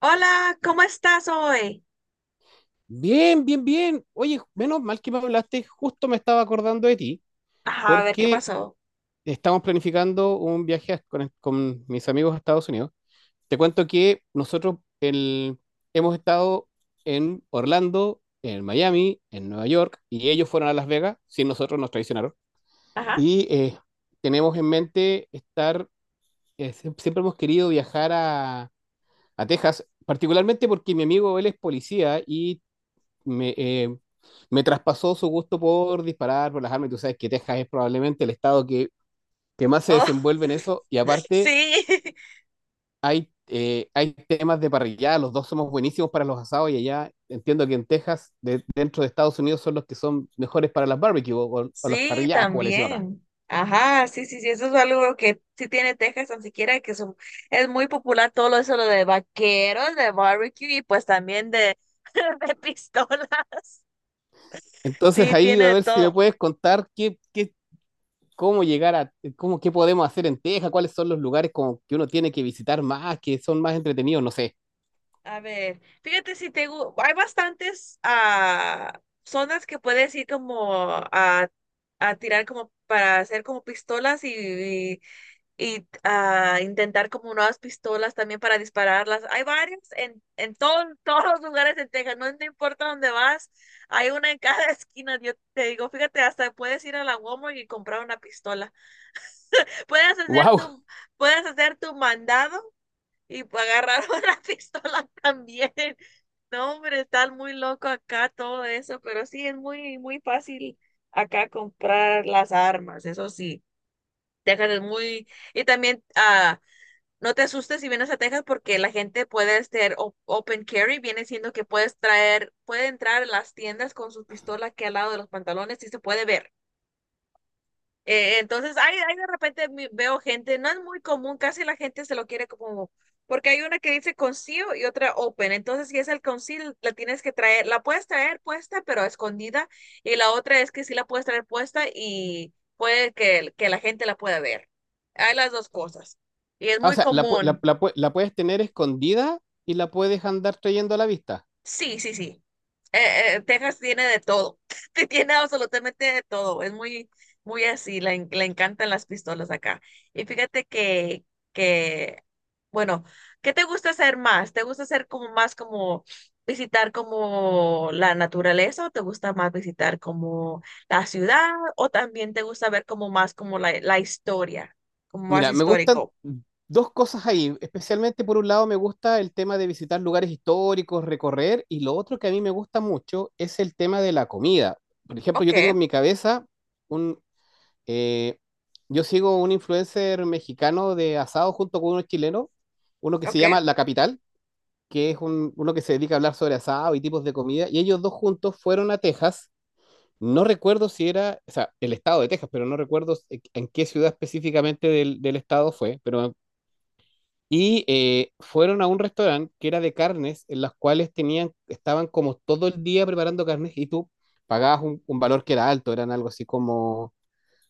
Hola, ¿cómo estás hoy? Bien, bien, bien. Oye, menos mal que me hablaste, justo me estaba acordando de ti, Ajá, a ver qué porque pasó. estamos planificando un viaje con mis amigos a Estados Unidos. Te cuento que nosotros hemos estado en Orlando, en Miami, en Nueva York, y ellos fueron a Las Vegas, sin nosotros nos traicionaron. Ajá. Y eh, Tenemos en mente estar, siempre hemos querido viajar a Texas, particularmente porque mi amigo él es policía y me, me traspasó su gusto por disparar, por las armas. Y tú sabes que Texas es probablemente el estado que más se Oh, desenvuelve en eso. Y aparte, sí, hay, hay temas de parrillada. Los dos somos buenísimos para los asados. Y allá entiendo que en Texas, dentro de Estados Unidos, son los que son mejores para las barbecues o las sí, parrilladas, como le decimos acá. también. Ajá, sí, sí, sí, eso es algo que sí tiene Texas, tan siquiera que es muy popular todo eso lo de vaqueros, de barbecue y pues también de, de pistolas. Entonces Sí, ahí tiene a de ver si me todo. puedes contar qué, cómo llegar a, cómo, qué podemos hacer en Texas, cuáles son los lugares como que uno tiene que visitar más, que son más entretenidos, no sé. A ver, fíjate si hay bastantes zonas que puedes ir como a, a tirar como para hacer como pistolas y intentar como nuevas pistolas también para dispararlas. Hay varias en, todos los lugares en Texas, no, no importa dónde vas, hay una en cada esquina. Yo te digo, fíjate, hasta puedes ir a la Walmart y comprar una pistola. Puedes hacer ¡Wow! tu, Puedes hacer tu mandado y agarrar una pistola también. No, hombre, está muy loco acá todo eso, pero sí es muy, muy fácil acá comprar las armas, eso sí. Texas es muy, y también no te asustes si vienes a Texas porque la gente puede ser open carry, viene siendo que puede entrar en las tiendas con su pistola aquí al lado de los pantalones y se puede ver. Entonces, hay de repente veo gente, no es muy común, casi la gente se lo quiere porque hay una que dice conceal y otra open. Entonces, si es el conceal, la puedes traer puesta, pero escondida, y la otra es que sí la puedes traer puesta y puede que la gente la pueda ver. Hay las dos cosas. Y es Ah, o muy sea, común. La puedes tener escondida y la puedes andar trayendo a la vista. Sí, sí, sí. Texas tiene de todo. Que tiene absolutamente de todo. Es muy, muy así. Le encantan las pistolas acá. Y fíjate que, bueno, ¿qué te gusta hacer más? ¿Te gusta hacer como más como visitar como la naturaleza o te gusta más visitar como la ciudad o también te gusta ver como más como la historia, como más Mira, me gustan histórico? dos cosas ahí. Especialmente, por un lado, me gusta el tema de visitar lugares históricos, recorrer, y lo otro que a mí me gusta mucho es el tema de la comida. Por ejemplo, yo tengo Ok, en mi cabeza un... eh, yo sigo un influencer mexicano de asado junto con uno chileno, uno que se ok, llama La Capital, que es uno que se dedica a hablar sobre asado y tipos de comida, y ellos dos juntos fueron a Texas. No recuerdo si era, o sea, el estado de Texas, pero no recuerdo en qué ciudad específicamente del estado fue, pero fueron a un restaurante que era de carnes, en las cuales tenían, estaban como todo el día preparando carnes y tú pagabas un valor que era alto, eran algo así como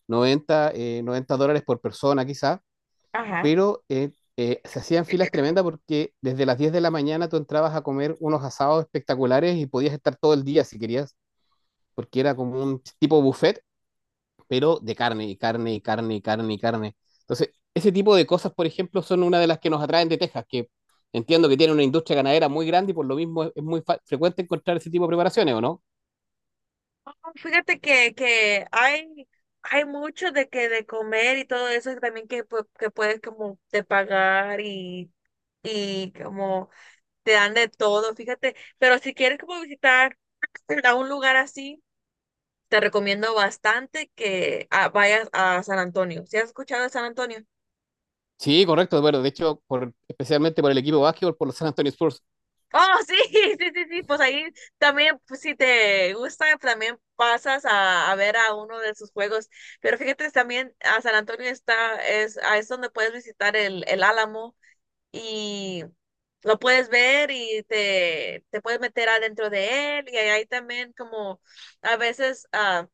$90 por persona quizá, ajá. pero se hacían filas tremendas porque desde las 10 de la mañana tú entrabas a comer unos asados espectaculares y podías estar todo el día si querías, porque era como un tipo buffet pero de carne y carne y carne y carne y carne. Entonces, ese tipo de cosas, por ejemplo, son una de las que nos atraen de Texas, que entiendo que tiene una industria ganadera muy grande y por lo mismo es muy frecuente encontrar ese tipo de preparaciones, ¿o no? Fíjate que hay mucho de que de comer y todo eso y también que, que puedes como de y como te dan de todo, fíjate. Pero si quieres como visitar a un lugar así, te recomiendo bastante que vayas a San Antonio. ¿Si has escuchado de San Antonio? Sí, correcto, bueno, de hecho, por, especialmente por el equipo de básquetbol, por los San Antonio Spurs. Oh, sí, sí, sí, sí, pues ahí también, pues, si te gusta, también pasas a ver a uno de sus juegos. Pero fíjate, también a San Antonio es, es donde puedes visitar el Álamo y lo puedes ver y te puedes meter adentro de él. Y ahí también como a veces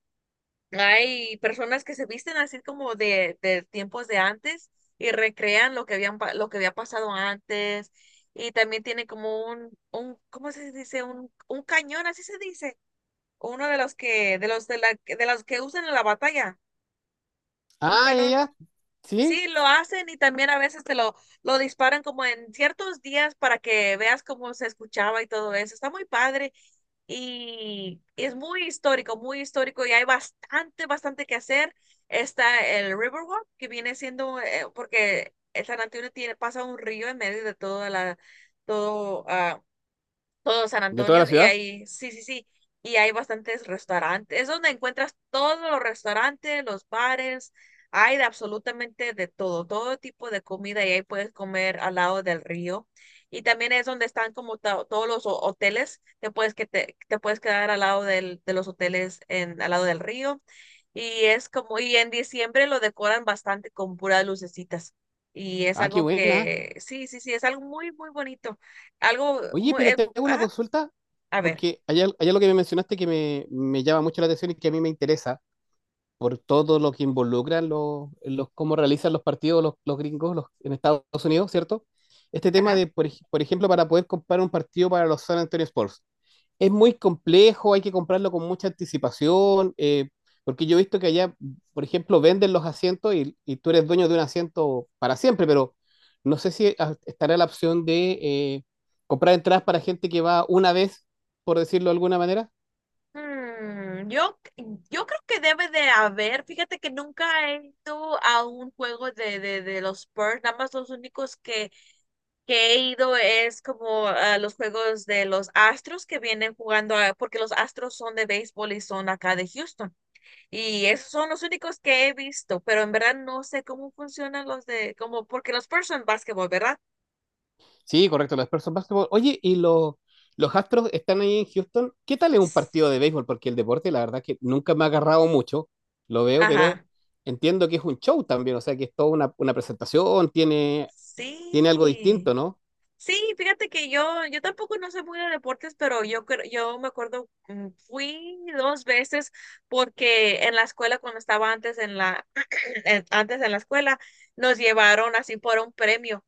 hay personas que se visten así como de tiempos de antes y recrean lo que habían, lo que había pasado antes. Y también tiene como un, ¿cómo se dice? Un cañón, así se dice. Uno de los que, de los de la, de los que usan en la batalla, un Ah, cañón. ella, sí, Sí, lo hacen y también a veces te lo disparan como en ciertos días para que veas cómo se escuchaba y todo eso. Está muy padre y es muy histórico y hay bastante, bastante que hacer. Está el Riverwalk, que viene siendo, porque el San Antonio tiene, pasa un río en medio de toda la, todo, ah, todo San de toda la Antonio y ciudad. ahí, sí, sí, sí, y hay bastantes restaurantes, es donde encuentras todos los restaurantes, los bares, hay de absolutamente de todo, todo tipo de comida y ahí puedes comer al lado del río. Y también es donde están como todos los hoteles, que te puedes quedar al lado del, de los hoteles en, al lado del río. Y es como, y en diciembre lo decoran bastante con puras lucecitas. Y es Ah, qué algo buena. que, sí, sí, sí, es algo muy, muy bonito algo Oye, muy, pero te hago una ajá, consulta, a ver. porque allá, allá lo que me mencionaste que me llama mucho la atención y que a mí me interesa. Por todo lo que involucran los cómo realizan los partidos los gringos los, en Estados Unidos, ¿cierto? Este tema Ajá. de, por, por ejemplo, para poder comprar un partido para los San Antonio Spurs. Es muy complejo, hay que comprarlo con mucha anticipación, porque yo he visto que allá, por ejemplo, venden los asientos y tú eres dueño de un asiento para siempre, pero no sé si estará la opción de comprar entradas para gente que va una vez, por decirlo de alguna manera. Yo, yo creo que debe de haber, fíjate que nunca he ido a un juego de los Spurs, nada más los únicos que he ido es como a los juegos de los Astros que vienen jugando, porque los Astros son de béisbol y son acá de Houston, y esos son los únicos que he visto, pero en verdad no sé cómo funcionan los de, como, porque los Spurs son básquetbol, ¿verdad? Sí, correcto, los Spurs son básquetbol. Oye, y los Astros están ahí en Houston. ¿Qué tal es un partido de béisbol? Porque el deporte, la verdad, que nunca me ha agarrado mucho. Lo veo, pero Ajá, entiendo que es un show también. O sea, que es toda una presentación, tiene, tiene algo sí. distinto, ¿no? Sí, fíjate que yo tampoco no sé muy de deportes, pero yo, yo me acuerdo, fui dos veces porque en la escuela, cuando estaba antes en la, antes en la escuela, nos llevaron así por un premio.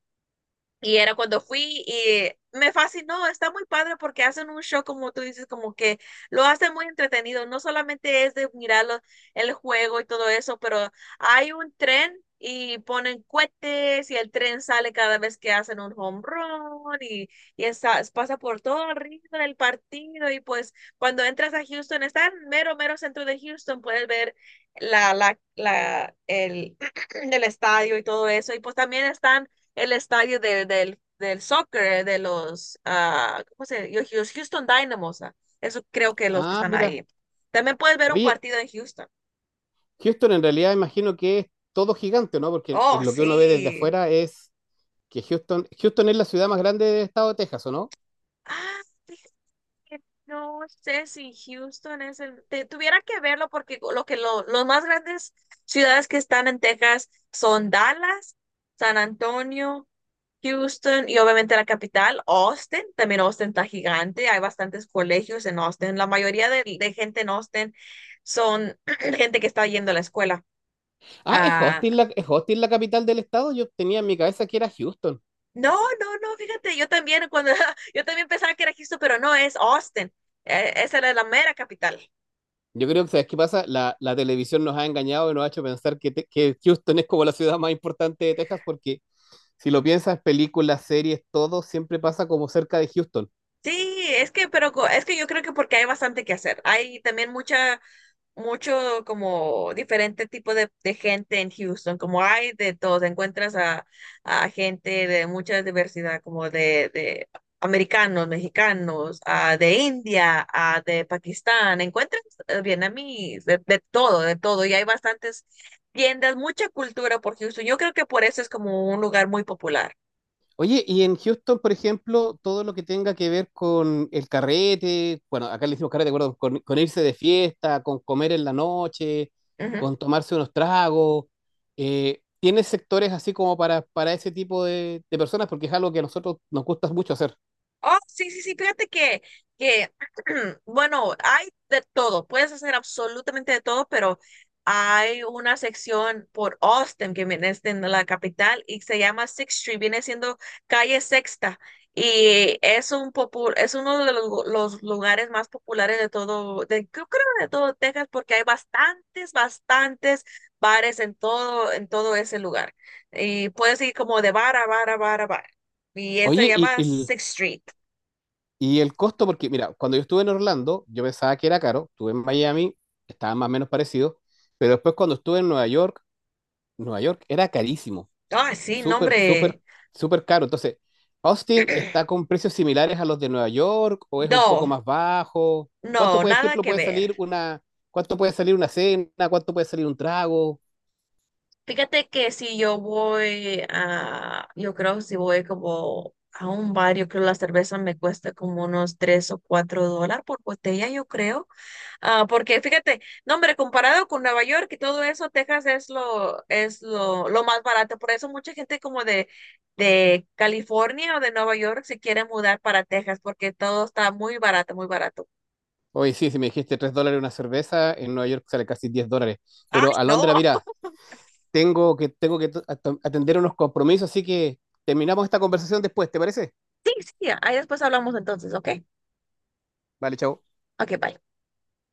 Y era cuando fui y me fascinó, está muy padre porque hacen un show como tú dices, como que lo hacen muy entretenido, no solamente es de mirar el juego y todo eso, pero hay un tren y ponen cohetes y el tren sale cada vez que hacen un home run y pasa por todo arriba del partido y pues cuando entras a Houston, está en mero, mero centro de Houston, puedes ver la, la, la, el, el estadio y todo eso y pues también están el estadio del, del soccer, de los, ¿cómo se llama? Los Houston Dynamos. Eso creo que los que Ah, están mira. ahí. También puedes ver un Oye, partido en Houston. Houston en realidad imagino que es todo gigante, ¿no? Porque pues, Oh, lo que uno ve desde sí. afuera es que Houston, Houston es la ciudad más grande del estado de Texas, ¿o no? Ah, que no sé si Houston es el... tuviera que verlo porque lo que los más grandes ciudades que están en Texas son Dallas, San Antonio, Houston y obviamente la capital, Austin. También Austin está gigante. Hay bastantes colegios en Austin. La mayoría de gente en Austin son gente que está yendo a la escuela. Ah, Ah, es Austin la capital del estado. Yo tenía en mi cabeza que era Houston. no, no, no, fíjate, yo también cuando yo también pensaba que era Houston, pero no, es Austin. Esa era la mera capital. Yo creo que, ¿sabes qué pasa? La televisión nos ha engañado y nos ha hecho pensar que, que Houston es como la ciudad más importante de Texas, porque si lo piensas, películas, series, todo siempre pasa como cerca de Houston. Sí, es que, pero es que yo creo que porque hay bastante que hacer. Hay también mucha, mucho como diferente tipo de gente en Houston, como hay de todo. Encuentras a gente de mucha diversidad, como de americanos, mexicanos, de India, de Pakistán. Encuentras vietnamíes, de todo, de todo. Y hay bastantes tiendas, mucha cultura por Houston. Yo creo que por eso es como un lugar muy popular. Oye, y en Houston, por ejemplo, todo lo que tenga que ver con el carrete, bueno, acá le decimos carrete, ¿acuerdo? Con irse de fiesta, con comer en la noche, con tomarse unos tragos, ¿tiene sectores así como para ese tipo de personas? Porque es algo que a nosotros nos gusta mucho hacer. Oh, sí, sí, sí, fíjate que, que, bueno, hay de todo, puedes hacer absolutamente de todo, pero hay una sección por Austin, que viene siendo la capital, y se llama Sixth Street, viene siendo calle Sexta, y es un es uno de los, los lugares más populares de todo, de, yo creo de todo Texas, porque hay bastantes, bastantes bares en todo ese lugar, y puedes ir como de bar a bar a bar a bar, y ese se Oye, y, llama y Sixth Street. Y el costo, porque mira, cuando yo estuve en Orlando, yo pensaba que era caro, estuve en Miami, estaba más o menos parecido, pero después cuando estuve en Nueva York, Nueva York era carísimo, Ah, sí, no, súper, súper, hombre. súper caro. Entonces, ¿Austin está con precios similares a los de Nueva York o es un poco No, más bajo? ¿Cuánto, no, por nada ejemplo, que puede ver. salir una, cuánto puede salir una cena? ¿Cuánto puede salir un trago? Fíjate que si yo voy a, yo creo si voy como a un bar, yo creo la cerveza me cuesta como unos $3 o $4 por botella, yo creo. Ah, porque fíjate, no, hombre, comparado con Nueva York y todo eso, Texas es lo más barato. Por eso mucha gente como de California o de Nueva York se quiere mudar para Texas, porque todo está muy barato, muy barato. Oye, sí, si me dijiste $3 una cerveza, en Nueva York sale casi $10. Ay, Pero a Londres, no. mira, tengo que atender unos compromisos, así que terminamos esta conversación después, ¿te parece? Sí, sí, sí, ahí después hablamos entonces, ¿ok? Vale, chao. Ok, bye.